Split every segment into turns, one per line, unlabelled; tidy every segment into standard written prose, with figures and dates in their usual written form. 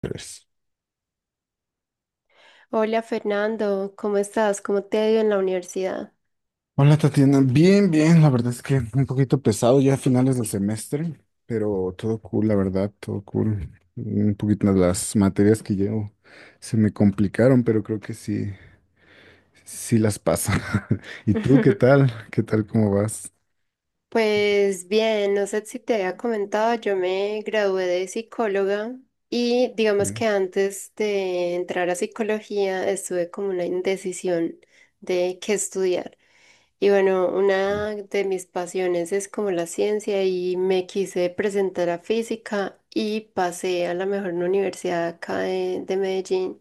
Tres.
Hola Fernando, ¿cómo estás? ¿Cómo te ha ido en la universidad?
Hola Tatiana, bien, bien, la verdad es que un poquito pesado ya a finales del semestre, pero todo cool, la verdad, todo cool. Un poquito las materias que llevo se me complicaron, pero creo que sí, sí las paso. ¿Y tú qué tal? ¿Qué tal? ¿Cómo vas?
Pues bien, no sé si te había comentado, yo me gradué de psicóloga y
Sí,
digamos que antes de entrar a psicología estuve como una indecisión de qué estudiar. Y bueno,
bueno,
una de mis pasiones es como la ciencia y me quise presentar a física y pasé a la mejor universidad acá de Medellín.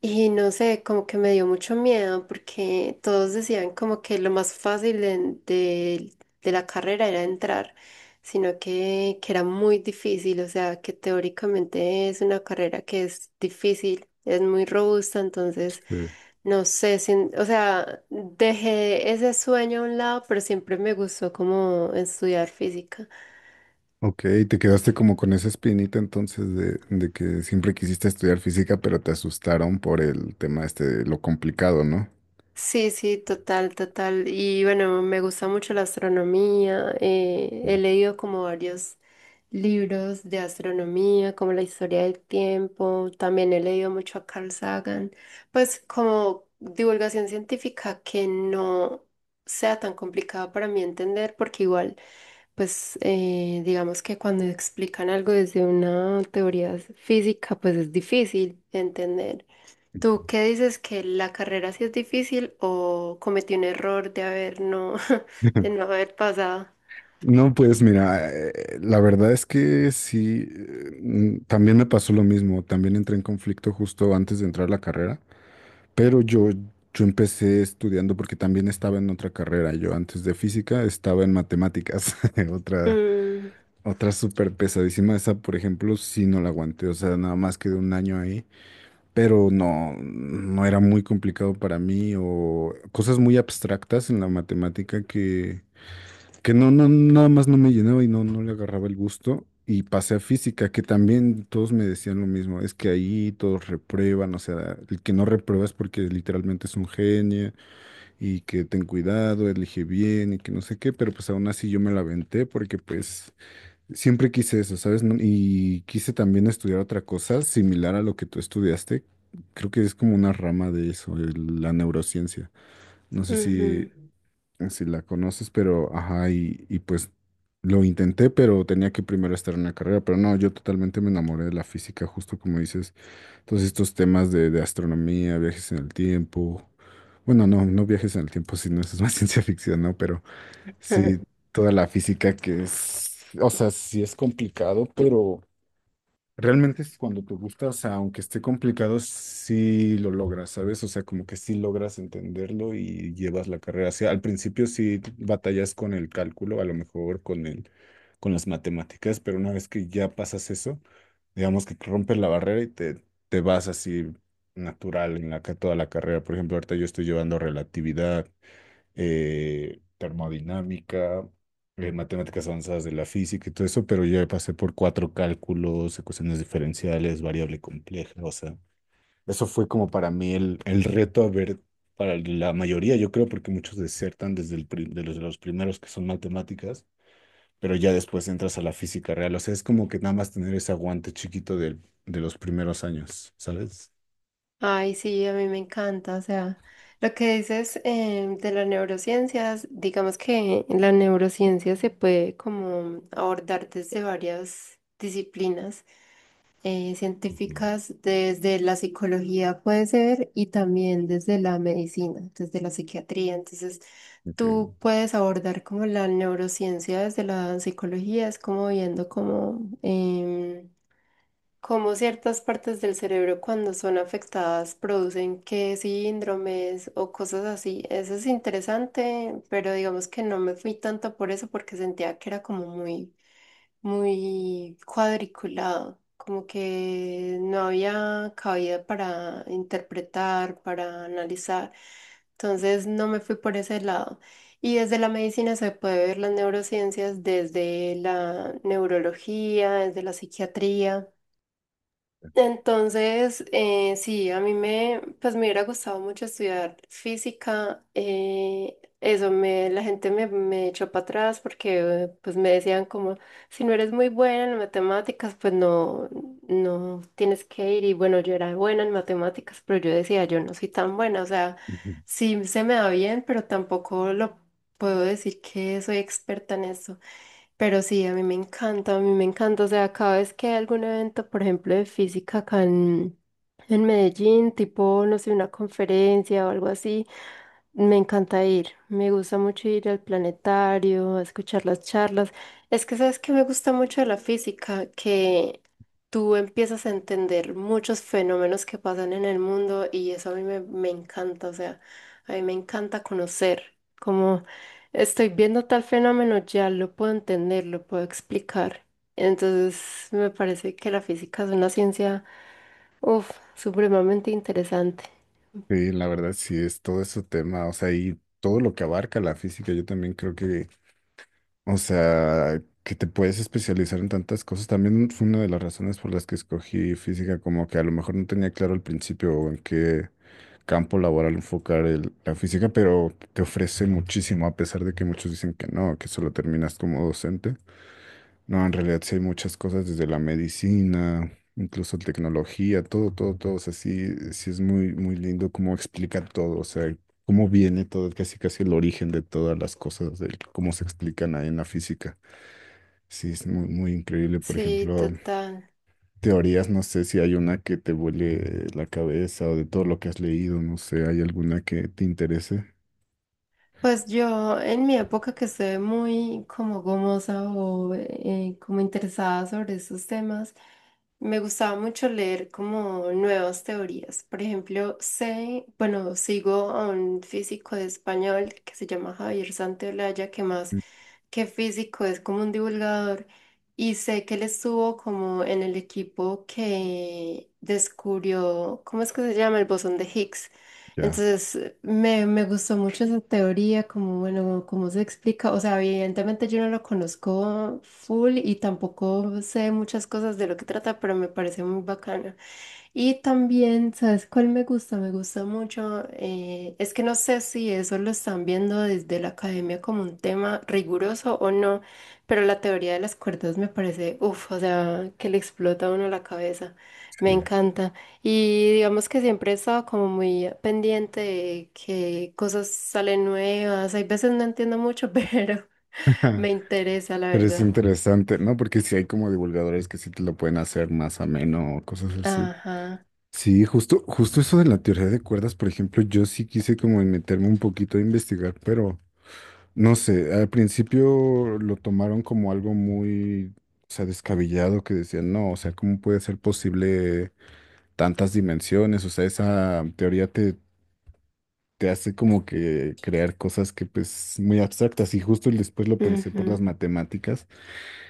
Y no sé, como que me dio mucho miedo porque todos decían como que lo más fácil de- de la carrera era entrar, sino que era muy difícil, o sea, que teóricamente es una carrera que es difícil, es muy robusta, entonces
sí.
no sé, o sea, dejé ese sueño a un lado, pero siempre me gustó como estudiar física.
Ok, te quedaste como con esa espinita entonces de que siempre quisiste estudiar física, pero te asustaron por el tema este de lo complicado, ¿no?
Sí, sí, total, total. Y bueno, me gusta mucho la astronomía. He leído como varios libros de astronomía, como la historia del tiempo. También he leído mucho a Carl Sagan. Pues como divulgación científica que no sea tan complicada para mí entender, porque igual, pues digamos que cuando explican algo desde una teoría física, pues es difícil de entender. ¿Tú qué dices que la carrera sí es difícil o cometí un error de haber no, de no haber pasado?
No, pues mira, la verdad es que sí, también me pasó lo mismo, también entré en conflicto justo antes de entrar a la carrera, pero yo, yo empecé estudiando porque también estaba en otra carrera, yo antes de física estaba en matemáticas, otra,
Mm,
otra súper pesadísima, esa por ejemplo sí no la aguanté, o sea, nada más quedé un año ahí, pero no, no era muy complicado para mí o cosas muy abstractas en la matemática que no, no, nada más no me llenaba y no, no le agarraba el gusto. Y pasé a física, que también todos me decían lo mismo, es que ahí todos reprueban, o sea, el que no reprueba es porque literalmente es un genio y que ten cuidado, elige bien y que no sé qué, pero pues aún así yo me la aventé porque pues siempre quise eso, ¿sabes? No- Y quise también estudiar otra cosa similar a lo que tú estudiaste. Creo que es como una rama de eso, el- la neurociencia. No sé si
ujú.
si la conoces, pero ajá, y pues lo intenté, pero tenía que primero estar en la carrera, pero no, yo totalmente me enamoré de la física, justo como dices, todos estos temas de astronomía, viajes en el tiempo, bueno, no, no viajes en el tiempo, sino eso es más ciencia ficción, ¿no? Pero sí, toda la física que es, o sea, sí es complicado, pero... Realmente es cuando te gusta, o sea, aunque esté complicado, sí lo logras, ¿sabes? O sea, como que sí logras entenderlo y llevas la carrera hacia. Al principio sí batallas con el cálculo, a lo mejor con las matemáticas, pero una vez que ya pasas eso, digamos que rompes la barrera y te vas así natural en la, ca- toda la carrera. Por ejemplo, ahorita yo estoy llevando relatividad, termodinámica, matemáticas avanzadas de la física y todo eso, pero yo ya pasé por cuatro cálculos, ecuaciones diferenciales, variable compleja, o sea, eso fue como para mí el reto a ver para la mayoría, yo creo, porque muchos desertan desde el pri- de los primeros que son matemáticas, pero ya después entras a la física real, o sea, es como que nada más tener ese aguante chiquito del- de los primeros años, ¿sabes?
Ay, sí, a mí me encanta. O sea, lo que dices de las neurociencias, digamos que la neurociencia se puede como abordar desde varias disciplinas.
Ujú.
Científicas desde la psicología puede ser y también desde la medicina, desde la psiquiatría. Entonces,
Ok.
tú puedes abordar como la neurociencia desde la psicología, es como viendo cómo, cómo ciertas partes del cerebro cuando son afectadas producen qué síndromes o cosas así. Eso es interesante, pero digamos que no me fui tanto por eso porque sentía que era como muy cuadriculado, como que no había cabida para interpretar, para analizar. Entonces no me fui por ese lado. Y desde la medicina se puede ver las neurociencias, desde la neurología, desde la psiquiatría. Entonces, sí, a mí me, pues me hubiera gustado mucho estudiar física. Eso me, la gente me, me echó para atrás porque pues me decían como, si no eres muy buena en matemáticas, pues no, no tienes que ir. Y bueno, yo era buena en matemáticas, pero yo decía, yo no soy tan buena. O sea, sí se me da bien, pero tampoco lo puedo decir que soy experta en eso. Pero sí, a mí me encanta, a mí me encanta. O sea, cada vez que hay algún evento, por ejemplo, de física acá en Medellín, tipo, no sé, una conferencia o algo así, me encanta ir, me gusta mucho ir al planetario, a escuchar las charlas. Es que sabes que me gusta mucho de la física, que tú empiezas a entender muchos fenómenos que pasan en el mundo y eso a mí me, me encanta, o sea, a mí me encanta conocer, como estoy viendo tal fenómeno, ya lo puedo entender, lo puedo explicar. Entonces me parece que la física es una ciencia, uff, supremamente interesante.
Sí, la verdad sí es todo ese tema, o sea, y todo lo que abarca la física, yo también creo que o sea, que te puedes especializar en tantas cosas. También fue una de las razones por las que escogí física, como que a lo mejor no tenía claro al principio en qué campo laboral enfocar el- la física, pero te ofrece muchísimo, a pesar de que muchos dicen que no, que solo terminas como docente. No, en realidad sí hay muchas cosas, desde la medicina, incluso tecnología, todo, todo, todo. O sea, sí, sí es muy, muy lindo cómo explica todo. O sea, cómo viene todo, casi casi el origen de todas las cosas, de cómo se explican ahí en la física. Sí, es muy, muy increíble. Por
Sí,
ejemplo,
total.
teorías, no sé si hay una que te vuele la cabeza o de todo lo que has leído, no sé, ¿hay alguna que te interese?
Pues yo en mi época que estuve muy como gomosa o como interesada sobre estos temas, me gustaba mucho leer como nuevas teorías. Por ejemplo, sé, bueno, sigo a un físico de español que se llama Javier Santaolalla, que más
Mm.
que físico es como un divulgador y sé que él estuvo como en el equipo que descubrió, ¿cómo es que se llama? El bosón de Higgs.
Ya,
Entonces, me, me gustó mucho esa teoría, como, bueno, cómo se explica. O sea, evidentemente yo no lo conozco full y tampoco sé muchas cosas de lo que trata, pero me parece muy bacana. Y también, ¿sabes cuál me gusta? Me gusta mucho. Es que no sé si eso lo están viendo desde la academia como un tema riguroso o no, pero la teoría de las cuerdas me parece, uff, o sea, que le explota a uno la cabeza. Me
sí.
encanta. Y digamos que siempre he estado como muy pendiente de que cosas salen nuevas. Hay veces no entiendo mucho, pero me interesa, la
Pero es
verdad.
interesante, ¿no? Porque si hay como divulgadores que sí te lo pueden hacer más ameno o cosas así.
Ajá.
Sí, justo, justo eso de la teoría de cuerdas, por ejemplo, yo sí quise como meterme un poquito a investigar, pero no sé, al principio lo tomaron como algo muy, o sea, descabellado, que decían, no, o sea, ¿cómo puede ser posible tantas dimensiones? O sea, esa teoría te, te hace como que crear cosas que pues muy abstractas y justo después lo pensé por las
Ujú,
matemáticas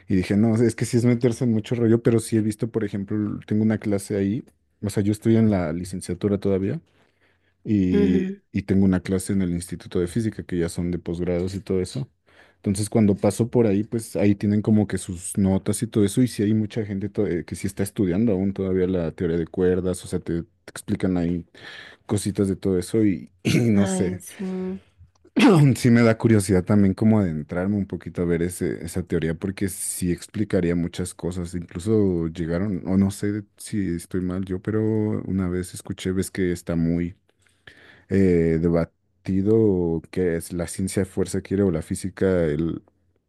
y dije, no, es que sí es meterse en mucho rollo, pero sí he visto, por ejemplo, tengo una clase ahí, o sea, yo estoy en la licenciatura todavía
ujú.
y tengo una clase en el Instituto de Física que ya son de posgrados y todo eso. Entonces, cuando paso por ahí, pues ahí tienen como que sus notas y todo eso. Y sí hay mucha gente que sí está estudiando aún todavía la teoría de cuerdas, o sea, te explican ahí cositas de todo eso y, y no
Ay,
sé.
sí.
Sí me da curiosidad también como adentrarme un poquito a ver ese, esa teoría porque sí explicaría muchas cosas. Incluso llegaron, o no sé si estoy mal yo, pero una vez escuché, ves que está muy debatido qué es la ciencia fuerza quiere o la física, el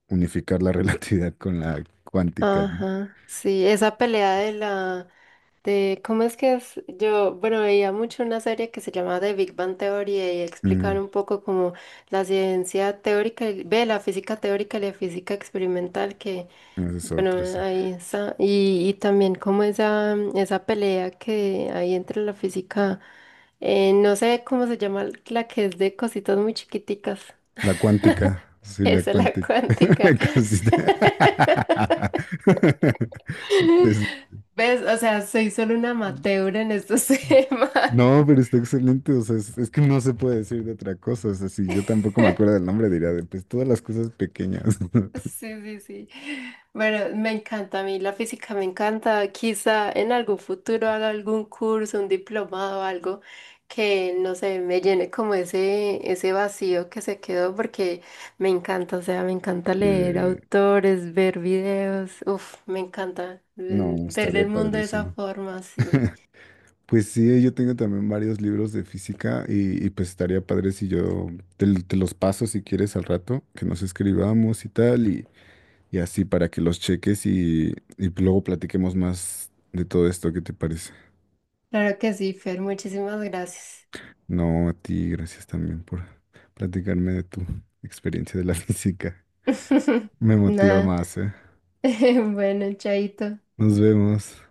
unificar la relatividad con la cuántica, ¿no?
Ajá, sí, esa pelea de, ¿cómo es que es? Yo, bueno, veía mucho una serie que se llamaba The Big Bang Theory y explicaban
Mm,
un poco como la ciencia teórica, ve, la física teórica y la física experimental, que,
esa es
bueno,
otra, sí.
ahí está, y también como esa pelea que hay entre la física, no sé cómo se llama la que es de cositas muy chiquiticas,
La cuántica, sí, la
esa es la
cuántica.
cuántica.
La Cosita. Es-
¿Ves? O sea, soy solo una amateur en estos temas.
No, pero está excelente, o sea, es que no se puede decir de otra cosa, o sea, si yo tampoco me acuerdo del nombre, diría de pues todas las cosas pequeñas.
Sí, sí, sí. Bueno, me encanta a mí, la física me encanta. Quizá en algún futuro haga algún curso, un diplomado, algo que, no sé, me llene como ese vacío que se quedó porque me encanta, o sea, me encanta leer
Eh,
autores, ver videos. Uf, me encanta
no,
ver
estaría
el mundo de esa
padrísimo.
forma, sí.
Pues sí, yo tengo también varios libros de física y pues estaría padre si yo te, l- te los paso si quieres al rato, que nos escribamos y tal, y así para que los cheques y luego platiquemos más de todo esto, ¿qué te parece?
Claro que sí, Fer, muchísimas gracias.
No, a ti, gracias también por platicarme de tu experiencia de la física. Me motiva
Nada.
más, ¿eh?
Bueno, chaito.
Nos vemos.